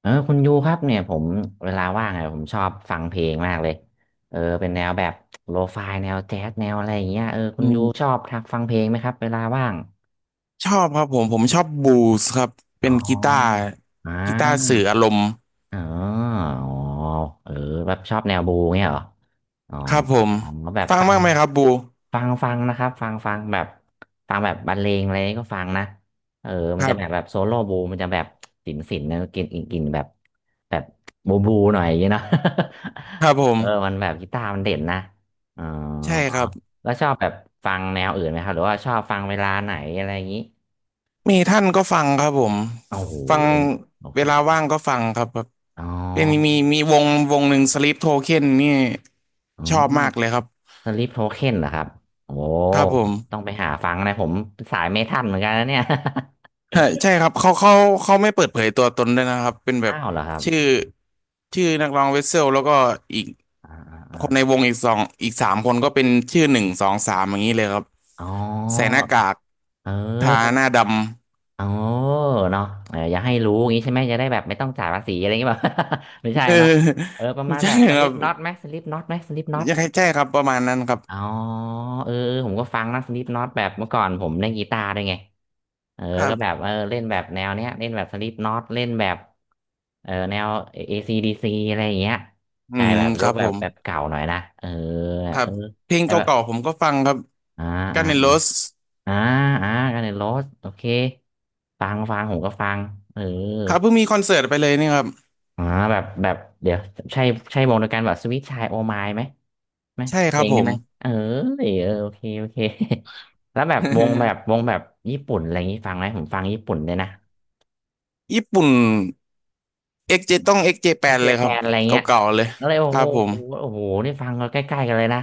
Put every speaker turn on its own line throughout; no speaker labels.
คุณยูครับเนี่ยผมเวลาว่างอะผมชอบฟังเพลงมากเลยเป็นแนวแบบโลฟายแนวแจ๊สแนวอะไรอย่างเงี้ยคุ
อื
ณยู
ม
ชอบทักฟังเพลงไหมครับเวลาว่าง
ชอบครับผมชอบบูสครับ
อ๋
เป็
อ
นกีตาร์
อ่า
กีตาร์สื่ออารมณ์
อ๋ออ๋อเออแบบชอบแนวบูเงี้ยเหรออ๋อ
ครับผม
อ๋อแบบ
ฟัง
ฟัง
บ้างไหมครับบู
ฟังนะครับฟังแบบฟังแบบบรรเลงอะไรนี่ก็ฟังนะเออมั
ค
น
รั
จะแบบแบ
บ
บโซโล่บูมันจะแบบสินนะกินกินกินแบบแบบบูหน่อยอย่างเงี้ยเนาะ
ครับผ
เออมั
ม
นแบบกีตาร์มันเด่นนะอ๋อ
ใช่ครับ
แล้วชอบแบบฟังแนวอื่นไหมครับหรือว่าชอบฟังเวลาไหนอะไรอย่างนี้
มีท่านก็ฟังครับผม
โอ้โห
ฟัง
โอ
เว
เค
ลาว่างก็ฟังครับครับ
อ๋อ
เป็นมีวงวงหนึ่งสลิปโทเค็นนี่
อื
ชอบ
ม
มากเลยครับ
สลิปโทเค็นเหรอครับโอ้
ครับผ
ต้อ
ม
งไปหาฟังนะผมสายไม่ทันเหมือนกันนะเนี่ย
ฮะใช่ครับเขาเขาไม่เปิดเผยตัวตนด้วยนะครับเป็น แบ
อ้า
บ
วเหรอครับ
ชื่อชื่อนักร้องเวสเซลแล้วก็อีก
อ่าอ่าอา
คนในวงอีกสองอีกสามคนก็เป็นชื่อหนึ่งสองสามอย่างนี้เลยครับ
อ๋อ
ใส่หน้ากาก
เ
ทาห
ออ
น้าด
เออเนาะเอออย่าให้รู้อย่างนี้ใช่ไหม จะได้แบบไม่ต้องจ่ายภาษีอะไรอย่างเงี้ย แบบ ไม่
ำ
ใช่
เออ
เนาะเออประ
ไม่
มาณ
ใช่
แบบส
ค
ลิ
รั
ป
บ
น็อตไหมสลิปน็อตไหมสลิปน็อต
ยังใช่ครับประมาณนั้นครับ
อ๋อเออเออผมก็ฟังนะสลิปน็อตแบบเมื่อก่อนผมเล่นกีตาร์ด้วยไงเออ
ครั
ก็แบบ
บ
เออเล่นแบบแนวเนี้ยเล่นแบบสลิปน็อตเล่นแบบเออแนว ACDC อซีดีซีอะไรอย่างเงี้ย
อื
ใช่
ม
แบบย
ค
ก
รับ
แบ
ผ
บ
ม
แบบเก่าหน่อยนะเออ
ครั
เอ
บ
อ
เพลง
แต่แบบ
เก่าๆผมก็ฟังครับ
อ่า
กันเนโร
อ่า
ส
อ่าอ่ากันในโรสโอเคฟังฟังผมก็ฟังเออ
ครับเพิ่งมีคอนเสิร์ตไปเลยนี่ครับ
อ่าแบบเดี๋ยวใช่ใช่วงเดียวกันแบบสวิตช์ชายโอไมล์ไหม ไหม
ใช่ค
เพ
รั
ล
บ
ง
ผ
ได้
ม
ไหมเออเออโอเคโอเค แล้วแบบวงแบบวงแบบญี่ปุ่นอะไรอย่างนี้ฟังไหมผมฟังญี่ปุ่นเลยนะ
ญี่ปุ่นเอ็กซ์เจต้องเอ็กซ์เจแป
ไอ
ด
เกี
เล
ย
ยค
แป
รับ
นอะไร
เ
เงี้ย
ก่าๆเลย
แล้วเลยโอ้
ครั
โห
บผม
โอ้โหนี่ฟังกันใกล้ๆกันเลยนะ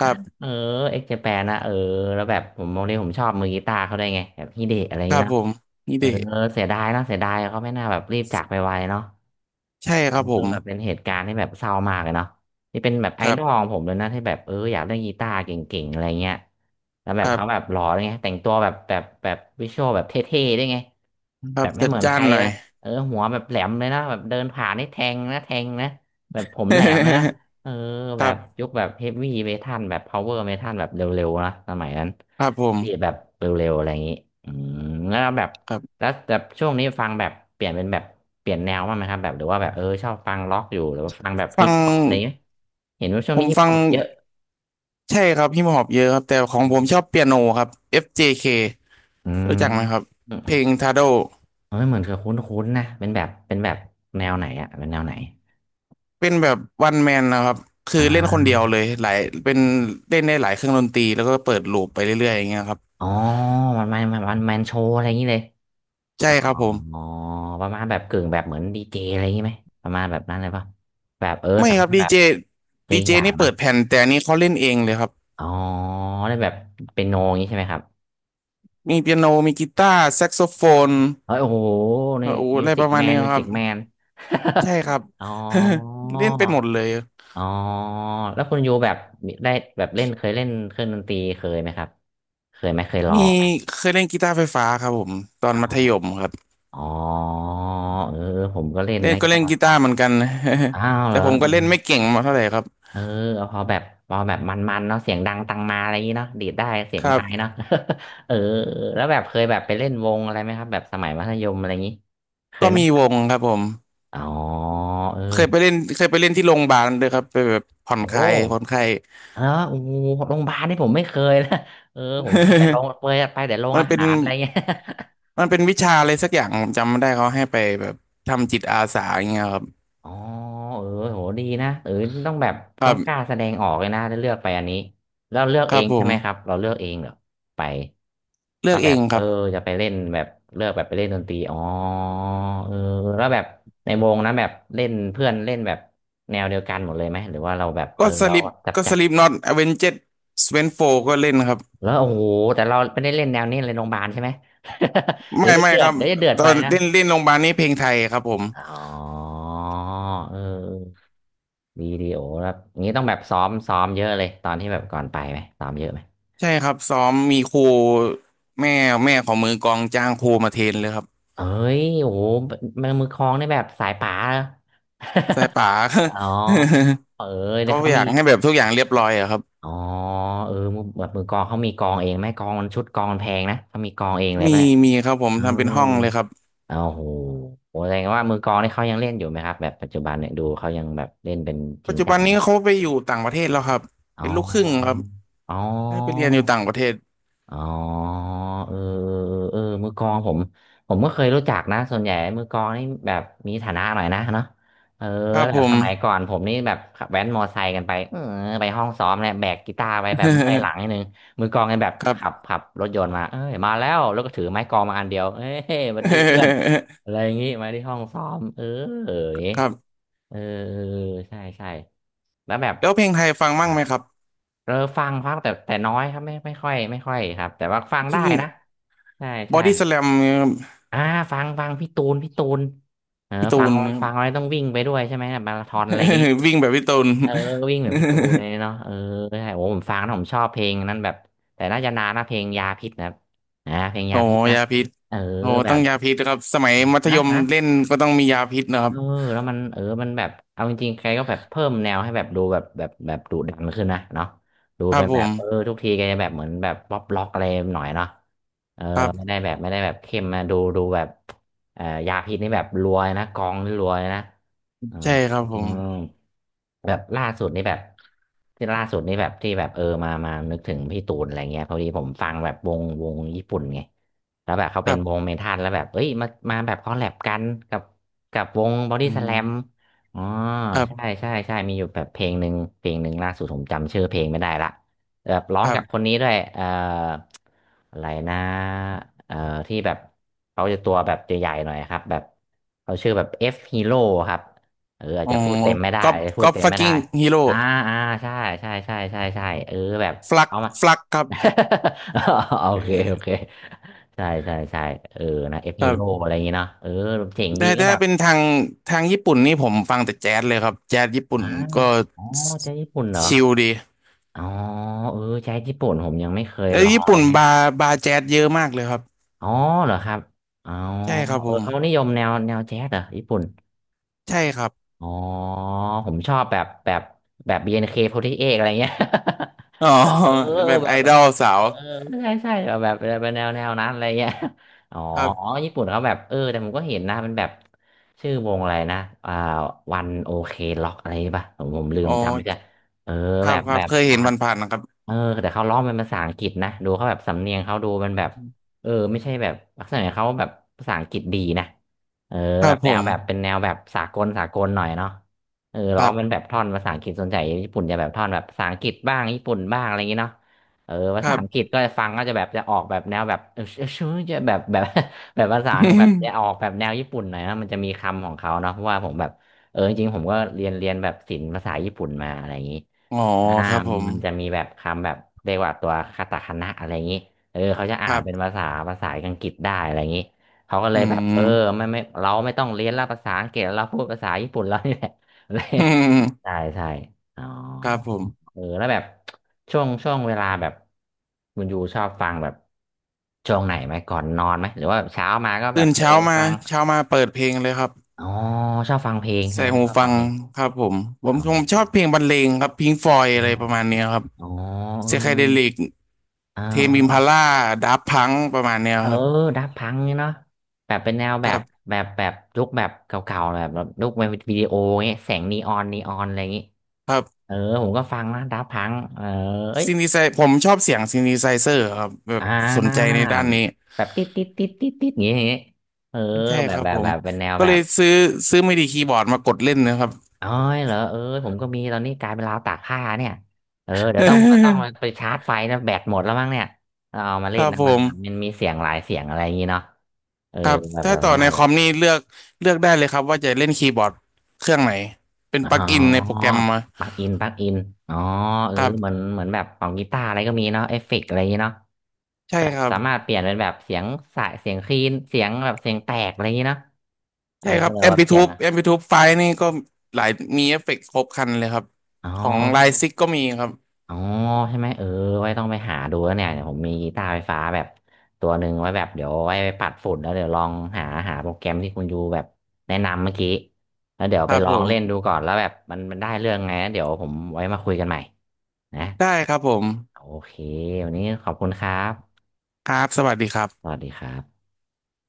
ครั บ
เออเอ็กเจแปนนะเออแล้วแบบผมวันนี้ผมชอบมือกีตาร์เขาได้วยไงแบบฮิเดะอะไรอย่า
ค
ง
รั
เงี้ย
บผ
เนาะ
มนี่
เอ
เด
อเสียดายเนาะเสียดายเขาไม่น่าแบบรีบจากไปไวเนาะ
ใช่ครับผ
เออ
ม
แบบเป็นเหตุการณ์ที่แบบเศร้ามากเลยเนาะที่เป็นแบบไอ
ครั
ดอลข
บ
องผมเลยนะ ที่แบบเอออยากเล่นกีตาร์เก่งๆอะไรเงี้ยแล้วแบ
ค
บ
รั
เขาแบบ
บ
หล่อเลยไงแต่งตัวแบบวิชวลแบบเท่ๆได้วยไง
ค
แบ
รับ
บไม่
จัด
เหมือน
จ้า
ใค
น
ร
หน่อ
แบ
ย
บเออหัวแบบแหลมเลยนะแบบเดินผ่านนี่แทงนะแทงนะแบบผมแหลมเลยนะ เออ
ค
แบ
รั
บ
บ
ยุคแบบเฮฟวี่เมทัลแบบพาวเวอร์เมทัลแบบเร็วๆนะสมัยนั้น
ครับผม
บีทแบบเร็วๆอะไรอย่างนี้อืมแล้วแบบ
ครับ
แล้วแบบช่วงนี้ฟังแบบเปลี่ยนเป็นแบบเปลี่ยนแนวบ้างไหมครับแบบหรือว่าแบบเออชอบฟังล็อกอยู่หรือว่าฟังแบบ
ฟั
ฮิ
ง
ปฮอปอะไรอย่างนี้ไหมเห็นว่าช่วง
ผ
นี้
ม
ฮิป
ฟั
ฮ
ง
อปเยอะ
ใช่ครับฮิปฮอปเยอะครับแต่ของ
อื
ผม
ม
ชอบเปียโนครับ FJK รู้จักไหมครับ
อื
เพล
ม
ง t i โด
เฮ้ยเหมือนเับคุ้นๆนะเป็นแบบเป็นแบบแนวไหนอะเป็นแนวไหน
เป็นแบบวันแมนนะครับคือ
อ่
เล่นคนเดียว
า
เลยหลายเป็นเล่นได้หลายเครื่องดนตรีแล้วก็เปิดลูปไปเรื่อยๆอย่างเงี้ยครับ
อ๋อมันมันมันแมนโชว์อะไรอย่างนี้เลย
ใช่
อ๋อ
ครับผม
ประมาณแบบกึ่งแบบเหมือนดีเจอะไรอย่างนี้ไหมประมาณแบบนั้นเลยปะแบบเออ
ไม่
สา
ครับ
มารถ
ดี
แบบ
เจ
เจอ
ดีเจ
อย่าง
นี่
นะ
เปิดแผ่นแต่อันนี้เขาเล่นเองเลยครับ
อ๋อได้แบบเป็นโนอย่างนี้ใช่ไหมครับ
มีเปียโนมีกีตาร์แซกโซโฟน
เฮ้ยโอ้โหใน
โอ้โห
มิ
อะ
ว
ไร
สิ
ป
ก
ระมา
แม
ณ
น
นี้
มิว
ครั
สิ
บ
กแมน
ใช่ครับ
อ๋อ
เล่นเป็นหมดเลย
อ๋อแล้วคุณยูแบบได้แบบเล่นเคยเล่นเครื่องดนตรีเคยไหมครับเคยไหมเคยลอ
มี
งไหม
เคยเล่นกีตาร์ไฟฟ้าครับผมตอน
อ๋
มัธย
อ
มครับ
อ๋อเออผมก็เล่น
เล่น
นะ
ก็
กี
เล่
ตา
นกีตาร์
ร์
เหมือนกัน
อ้าว เห
แต่
รอ
ผมก็เล่นไม่เก่งมาเท่าไหร่ครับ
เออเอาพอแบบพอแบบมันๆเนาะเสียงดังตังมาอะไรอย่างงี้เนาะดีดได้เสีย
ค
ง
รั
ไม้เนาะ
บ
เออแล้วแบบเคยแบบไปเล่นวงอะไรไหมครับแบบสมัยมัธยมอะไรอย่างงี้เค
ก็
ยไหม
มีวงครับผม
อ๋อเออ
เคยไปเล่นเคยไปเล่นที่โรงพยาบาลด้วยครับไปแบบผ่อนค
โอ้
ลายผ่อนคลาย
เออโอ้โหโรงพยาบาลนี่ผมไม่เคยนะ เออผมเคยไปโรงเคยไปแต่โร ง
มัน
อา
เป็น
หารอะไรเงี้ย
มันเป็นวิชาอะไรสักอย่างผมจำไม่ได้เขาให้ไปแบบทำจิตอาสาอย่างเงี้ยครับ
อ๋อเออโหดีนะเออต้องแบบ
ค
ต้
รั
องกล้า
บ
แสดงออกเลยนะถ้าเลือกไปอันนี้แล้วเลือก
ค
เอ
รับ
ง
ผ
ใช่ไหมครับ
ม
เราเลือกเองเหรอไป
เลือก
ว่า
เอ
แบบ
งค
เออ
รับ
จะไปเล่นแบบเลือกแบบไปเล่นดนตรีอ๋อเออแล้วแบบในวงนะแบบเล่นเพื่อนเล่นแบบแนวเดียวกันหมดเลยไหมหรือว่าเราแบบเอ
ก็
อ
ส
เรา
ลิป
จับ
ก็
จั
ส
บ
ลิปน็อตอเวนเจ็ดสเวนโฟก็เล่นครับ
แล้วโอ้โหแต่เราไม่ได้เล่นแนวนี้เลยโรงพยาบาลใช่ไหม เดี๋ย
ไม่
วจะ
ไม่
เดือ
ค
ด
รับ
เดี๋ยวจะเดือด
ตอ
ไป
น
นะ
เล่นเล่นโรงพยาบาลนี่เพลงไทยครับผม
อ๋อเออ วิดีโอแบบนี้ต้องแบบซ้อมเยอะเลยตอนที่แบบก่อนไปไหมซ้อมเยอะไหม
ใช่ครับซ้อมมีครูแม่แม่ของมือกลองจ้างครูมาเทรนเลยครับ
เอ้ยโอ้โหมือมือคลองนแบบสายป่า
สายป่า
เหรอ อ๋อเออเดี๋ย
เขา
วเขา
อ
มี
ยากให้แบบทุกอย่างเรียบร้อยอะครับ
อ๋อเออมือแบบมือกลองเขามีกลองเองไหมกลองมันชุดกลองมันแพงนะเขามีกลองเองเลยปะ
มี
เนี่ย
มีครับผม
เออ
ทำเป็นห้องเลยครับ
โอ้โหโหแสดงว่ามือกลองนี่เขายังเล่นอยู่ไหมครับแบบปัจจุบันเนี่ยดูเขายังแบบเล่นเป็นจ
ปั
ริ
จ
ง
จุ
จั
บัน
งไห
นี้
ม
เขาไปอยู่ต่างประเทศแล้วครับ
อ๋
เป็
อ
นลูกครึ่งครับ
อ๋อ
ให้ไปเรียนอยู่ต่างประเทศ
อ๋อเออเออเออมือกลองผมผมก็เคยรู้จักนะส่วนใหญ่มือกลองนี่แบบมีฐานะหน่อยนะเนาะเออ
ครับ
แบ
ผ
บส
ม
มัยก่อนผมนี่แบบขับแว้นมอไซค์กันไปเออไปห้องซ้อมเนี่ยแบกกีตาร์ไปแบบเมื่อยหลั งนิดนึงมือกลองกันแบบ
ครับ
ขับขับรถยนต์มาเอ้ยมาแล้วแล้วก็ถือไม้กลองมาอันเดียวเอ้ยสวัสดีเพื่อน อะไรอย่างงี้มาที่ห้องซ้อมเอออย่างงี้
ครับ
เออเออใช่ใช่แล้วแบบ
แล้วเพลงไทยฟังมั่งไหมครับ
เออฟังครับแต่แต่น้อยครับไม่ไม่ค่อยไม่ค่อยครับแต่ว่าฟังได้
ที่นี่
นะใช่
บอ
ใช่
ดี้สแลม
อ่าฟังฟังพี่ตูนพี่ตูนเออ
พี่ตู
ฟัง
นครับ
ฟังไว้ต้องวิ่งไปด้วยใช่ไหมแบบมาราธอนอะไรอย่างงี้
วิ่งแบบพี่ตูน
เออวิ่งเหมือนพี่ตูนเลยเนาะ เออใช่โอ้ผมฟังนะผมชอบเพลงนั้นแบบแต่น่าจะนานนะเพลงยาพิษนะครับอ่าเพลง
โอ้
ยาพิษนะ
ยาพิษ
เออ
โอ้
แบ
ต้อง
บ
ยาพิษนะครับสมัยมัธย
นะ
ม
นะ
เล่นก็ต้องมียาพิษนะครั
เอ
บ
อแล้วมันมันแบบเอาจริงๆแกก็แบบเพิ่มแนวให้แบบดูแบบแบบแบบดุดันขึ้นนะเนาะดู
ครั
เป็
บ
น
ผ
แบบเออ
ม
ทุกทีแกจะแบบเหมือนแบบป๊อปล็อกอะไรหน่อยเนาะเออ
ครั
ไม่
บ
ได้แบบไม่ได้แบบเข้มนะดูดูแบบยาพิษนี่แบบรวยนะกองนี่รวยนะเออ
ใช่ครับผ
อื
ม
มแบบล่าสุดนี่แบบที่ล่าสุดนี่แบบที่แบบเออมามานึกถึงพี่ตูนอะไรเงี้ยพอดีผมฟังแบบวงวงญี่ปุ่นไง แล้วแบบเขา
ค
เป็
รั
นวง
บ
เมทัลแล้วแบบเอ้ยมามาแบบคอลแลบกันกับกับวงบอดี้
อื
สแล
ม
มอ๋อ
ครั
ใช่
บ
ใช่ใช่มีอยู่แบบเพลงหนึ่งเพลงหนึ่งล่าสุดผมจำชื่อเพลงไม่ได้ละแบบร้อ
ค
ง
รั
กับคน
บ
นี้ด้วยอะไรนะเอ่อที่แบบเขาจะตัวแบบใหญ่ๆหน่อยครับแบบเขาชื่อแบบ F Hero ครับเอออาจ
อ๋อ
จะพูดเต็มไม่ได้
ก็
อาจจะพู
ก็
ดเต็ม
ฟัก
ไม่
กิ้
ได้
งฮีโร่
อ่าอ่าใช่ใช่ใช่ใช่ใช่เออแบบ
ฟลัก
เอามา
ฟลักครับ
โอเคโอ
เออ
เค ใช่ใช่ใช่เออนะเอฟ
ค
ฮี
รั
โร่
บ
อะไรอย่างเงี้เนาะเออเจ๋ง
แต่
ดีก็
ถ้า
แบบ
เป็นทางญี่ปุ่นนี่ผมฟังแต่แจ๊สเลยครับแจ๊สญี่ปุ่น
อ่า
ก็
อ๋อใจญี่ปุ่นเหรอ
ชิลดี
อ๋อเออใจญี่ปุ่นผมยังไม่เคย
เอ
ล
อ
อ
ญี่
งเล
ปุ่น
ยฮะ
บาร์บาร์แจ๊สเยอะมากเลยครับ
อ๋อเหรอครับอ๋อ
ใช่ครับ
เอ
ผ
อ
ม
เขานิยมแนวแนวแจ๊สเหรอญี่ปุ่น
ใช่ครับ
อ๋อผมชอบแบบแบบแบบบี n เคโฟร์ตี้เอ8อะไรเงี้ย
อ๋อ
เออ
แบบ
แบ
ไอ
บ
ดอลสา
เออ
ว
เออใช่ใช่แบบแบบเป็นแนวแนวนั้นอะไรเงี้ยอ๋อ
ครั
อ๋อ
บ
ญี่ปุ่นเขาแบบเออแต่ผมก็เห็นนะมันแบบชื่อวงอะไรนะอ่าวันโอเคล็อกอะไรป่ะผมผมลื
อ๋
ม
อ
จำไม่ได้เออ
ค
แบ
รับ
บ
ครั
แบ
บ
บ
เคยเห็
ดั
น
ง
ผ่านๆนะครับ
เออแต่เขาร้องเป็นภาษาอังกฤษนะดูเขาแบบสำเนียงเขาดูมันแบบเออไม่ใช่แบบลักษณะเขาแบบภาษาอังกฤษดีนะเออ
ครั
แบ
บ
บ
ผ
แนวแบบเป็น
ม
แนวแบบสากลสากลหน่อยเนาะ เออ
ค
ร้อ
รั
งเป็น
บ
แบบท่อนภาษาอังกฤษส่วนใหญ่ญี่ปุ่นจะแบบท่อนแบบภาษาอังกฤษบ้างญี่ปุ่นบ้างอะไรอย่างงี้เนาะเออ
ค
ภาษา
รับ
อังกฤษก็จะฟังก็จะแบบจะออกแบบแนวแบบ เออชื่อจะแบบแบบ แบบภาษาแบบจะออก แบบแนวญี่ปุ่นหน่อยนะมันจะมีคำของเขาเนาะเพราะว่าผมแบบเออจริงๆผมก็เรียนเรียนแบบศิลป์ภาษาญี่ปุ่นมาอะไรอย่างงี้
อ๋อ
อ่า
ครับผม
มันจะมีแบบคำแบบเรียกว่าตัวคาตาคานะอะไรอย่างนี้เออเขาจะ
ค
อ่าน
รั
เป็นภา
บ
ษาภาษาอังกฤษได้อะไรอย่างนี้เขาก็เล
อื
ยแบบเออ
ม
ไม่เราไม่ต้องเรียนละภาษาอังกฤษเราพูดภาษาญี่ปุ่นแล้วนี่แหละ เลย
อืม
ใช่ใช่อ๋อ
ครับผม
เออแล้วแบบช่วงช่วงเวลาแบบคุณยูชอบฟังแบบช่วงไหนไหมก่อนนอนไหมหรือว่าแบบเช้ามาก็แบ
ตื่
บ
น
เออ
เช้ามา
ฟัง
เช้ามาเปิดเพลงเลยครับ
อ๋อชอบฟังเพลงใช่
ใส่
ไหม
หู
ชอบ
ฟั
ฟัง
ง
เพลง
ครับผมผม
อ๋อ
ผมชอบเพลงบรรเลงครับพิงฟอยอะไรประมาณเนี้ยครับ
อ๋อ
เซไคเดลิก
เอ
เทมอิมพา
อ
ล่าดับพังประมาณเนี้ย
เออ
ครับ
ดับพังเนี่ยเนาะแบบเป็นแนว
ค
แบ
รั
บ
บ
แบบแบบยุคแบบเก่าๆแบบแบบยุคแบบวิดีโอเงี้ยแสงนีออนนีออนอะไรอย่างงี้
ครับ
เออผมก็ฟังนะดับพังเออเอ้ย
ซินธิไซผมชอบเสียงซินธิไซเซอร์ครับแบบ
อ่
สนใจ
า
ในด้านนี้
แบบติดติดติดติดติดอย่างงี้อย่างงี้เออ
ใช่
แบ
ค
บ
รับ
แบบ
ผ
แบ
ม
บเป็นแนว
ก็
แบ
เล
บ
ยซื้อไม่ดีคีย์บอร์ดมากดเล่นนะครับ
อ๋อยเหรอเออผมก็มีตอนนี้กลายเป็นราวตากผ้าเนี่ยเออเดี๋ยวต้องเดี๋ยวต้อง ไปชาร์จไฟนะแบตหมดแล้วมั้งเนี่ยเราเอามา
ค
เล่น
รับ
นะ
ผ
มัน
ม
มันมันมีเสียงหลายเสียงอะไรอย่างงี้เนาะเออ
ครับ
แบบแบ
ถ้า
บ
ต่
ป
อ
ระ
ใน
มาณ
ค
แบ
อ
บ
มนี่เลือกเลือกได้เลยครับว่าจะเล่นคีย์บอร์ดเครื่องไหนเป็น
อ๋
ปลั๊กอินในโปร
อ
แกรมมา
ปลั๊กอินปลั๊กอินอ๋อเออ
ครั
เหมือน
บ
เหมือนแบบของกีตาร์อะไรก็มีเนาะเอฟเฟกต์อะไรอย่างงี้เนาะ
ใช่
แบบ
ครับ
สามารถเปลี่ยนเป็นแบบเสียงสายเสียงคลีนเสียงแบบเสียงแตกอะไรอย่างงี้เนาะเอ
ใช่
อ
ครับ
เรา
แอม
แบบ
พิทู
เสี
u
ยงอะ
แอ m p ิทู e ไฟล์นี่ก็หลายมีเอฟเฟกต์ครบครันเลยครับ
อ๋อ
ของไลซิกก็มีครับ
อ๋อใช่ไหม เออ ไว้ต้องไปหาดูแล้วเนี่ยเดี๋ยวผมมีกีตาร์ไฟฟ้าแบบตัวหนึ่งไว้แบบเดี๋ยวไว้ไปปัดฝุ่นแล้วเดี๋ยวลองหาหาโปรแกรมที่คุณยูแบบแนะนำเมื่อกี้แล้วเดี๋ยว
ค
ไป
รับ
ล
ผ
องเล่นดู
ม
ก่อนแล้วแบบมันมันได้เรื่องไงนะเดี๋ยวผมไว้มาคุยกันใหม่นะ
ได้ครับผม
โอเควันนี้ขอบคุณครับ
ครับสวัสดีครั
ส
บ
วัสดีครับ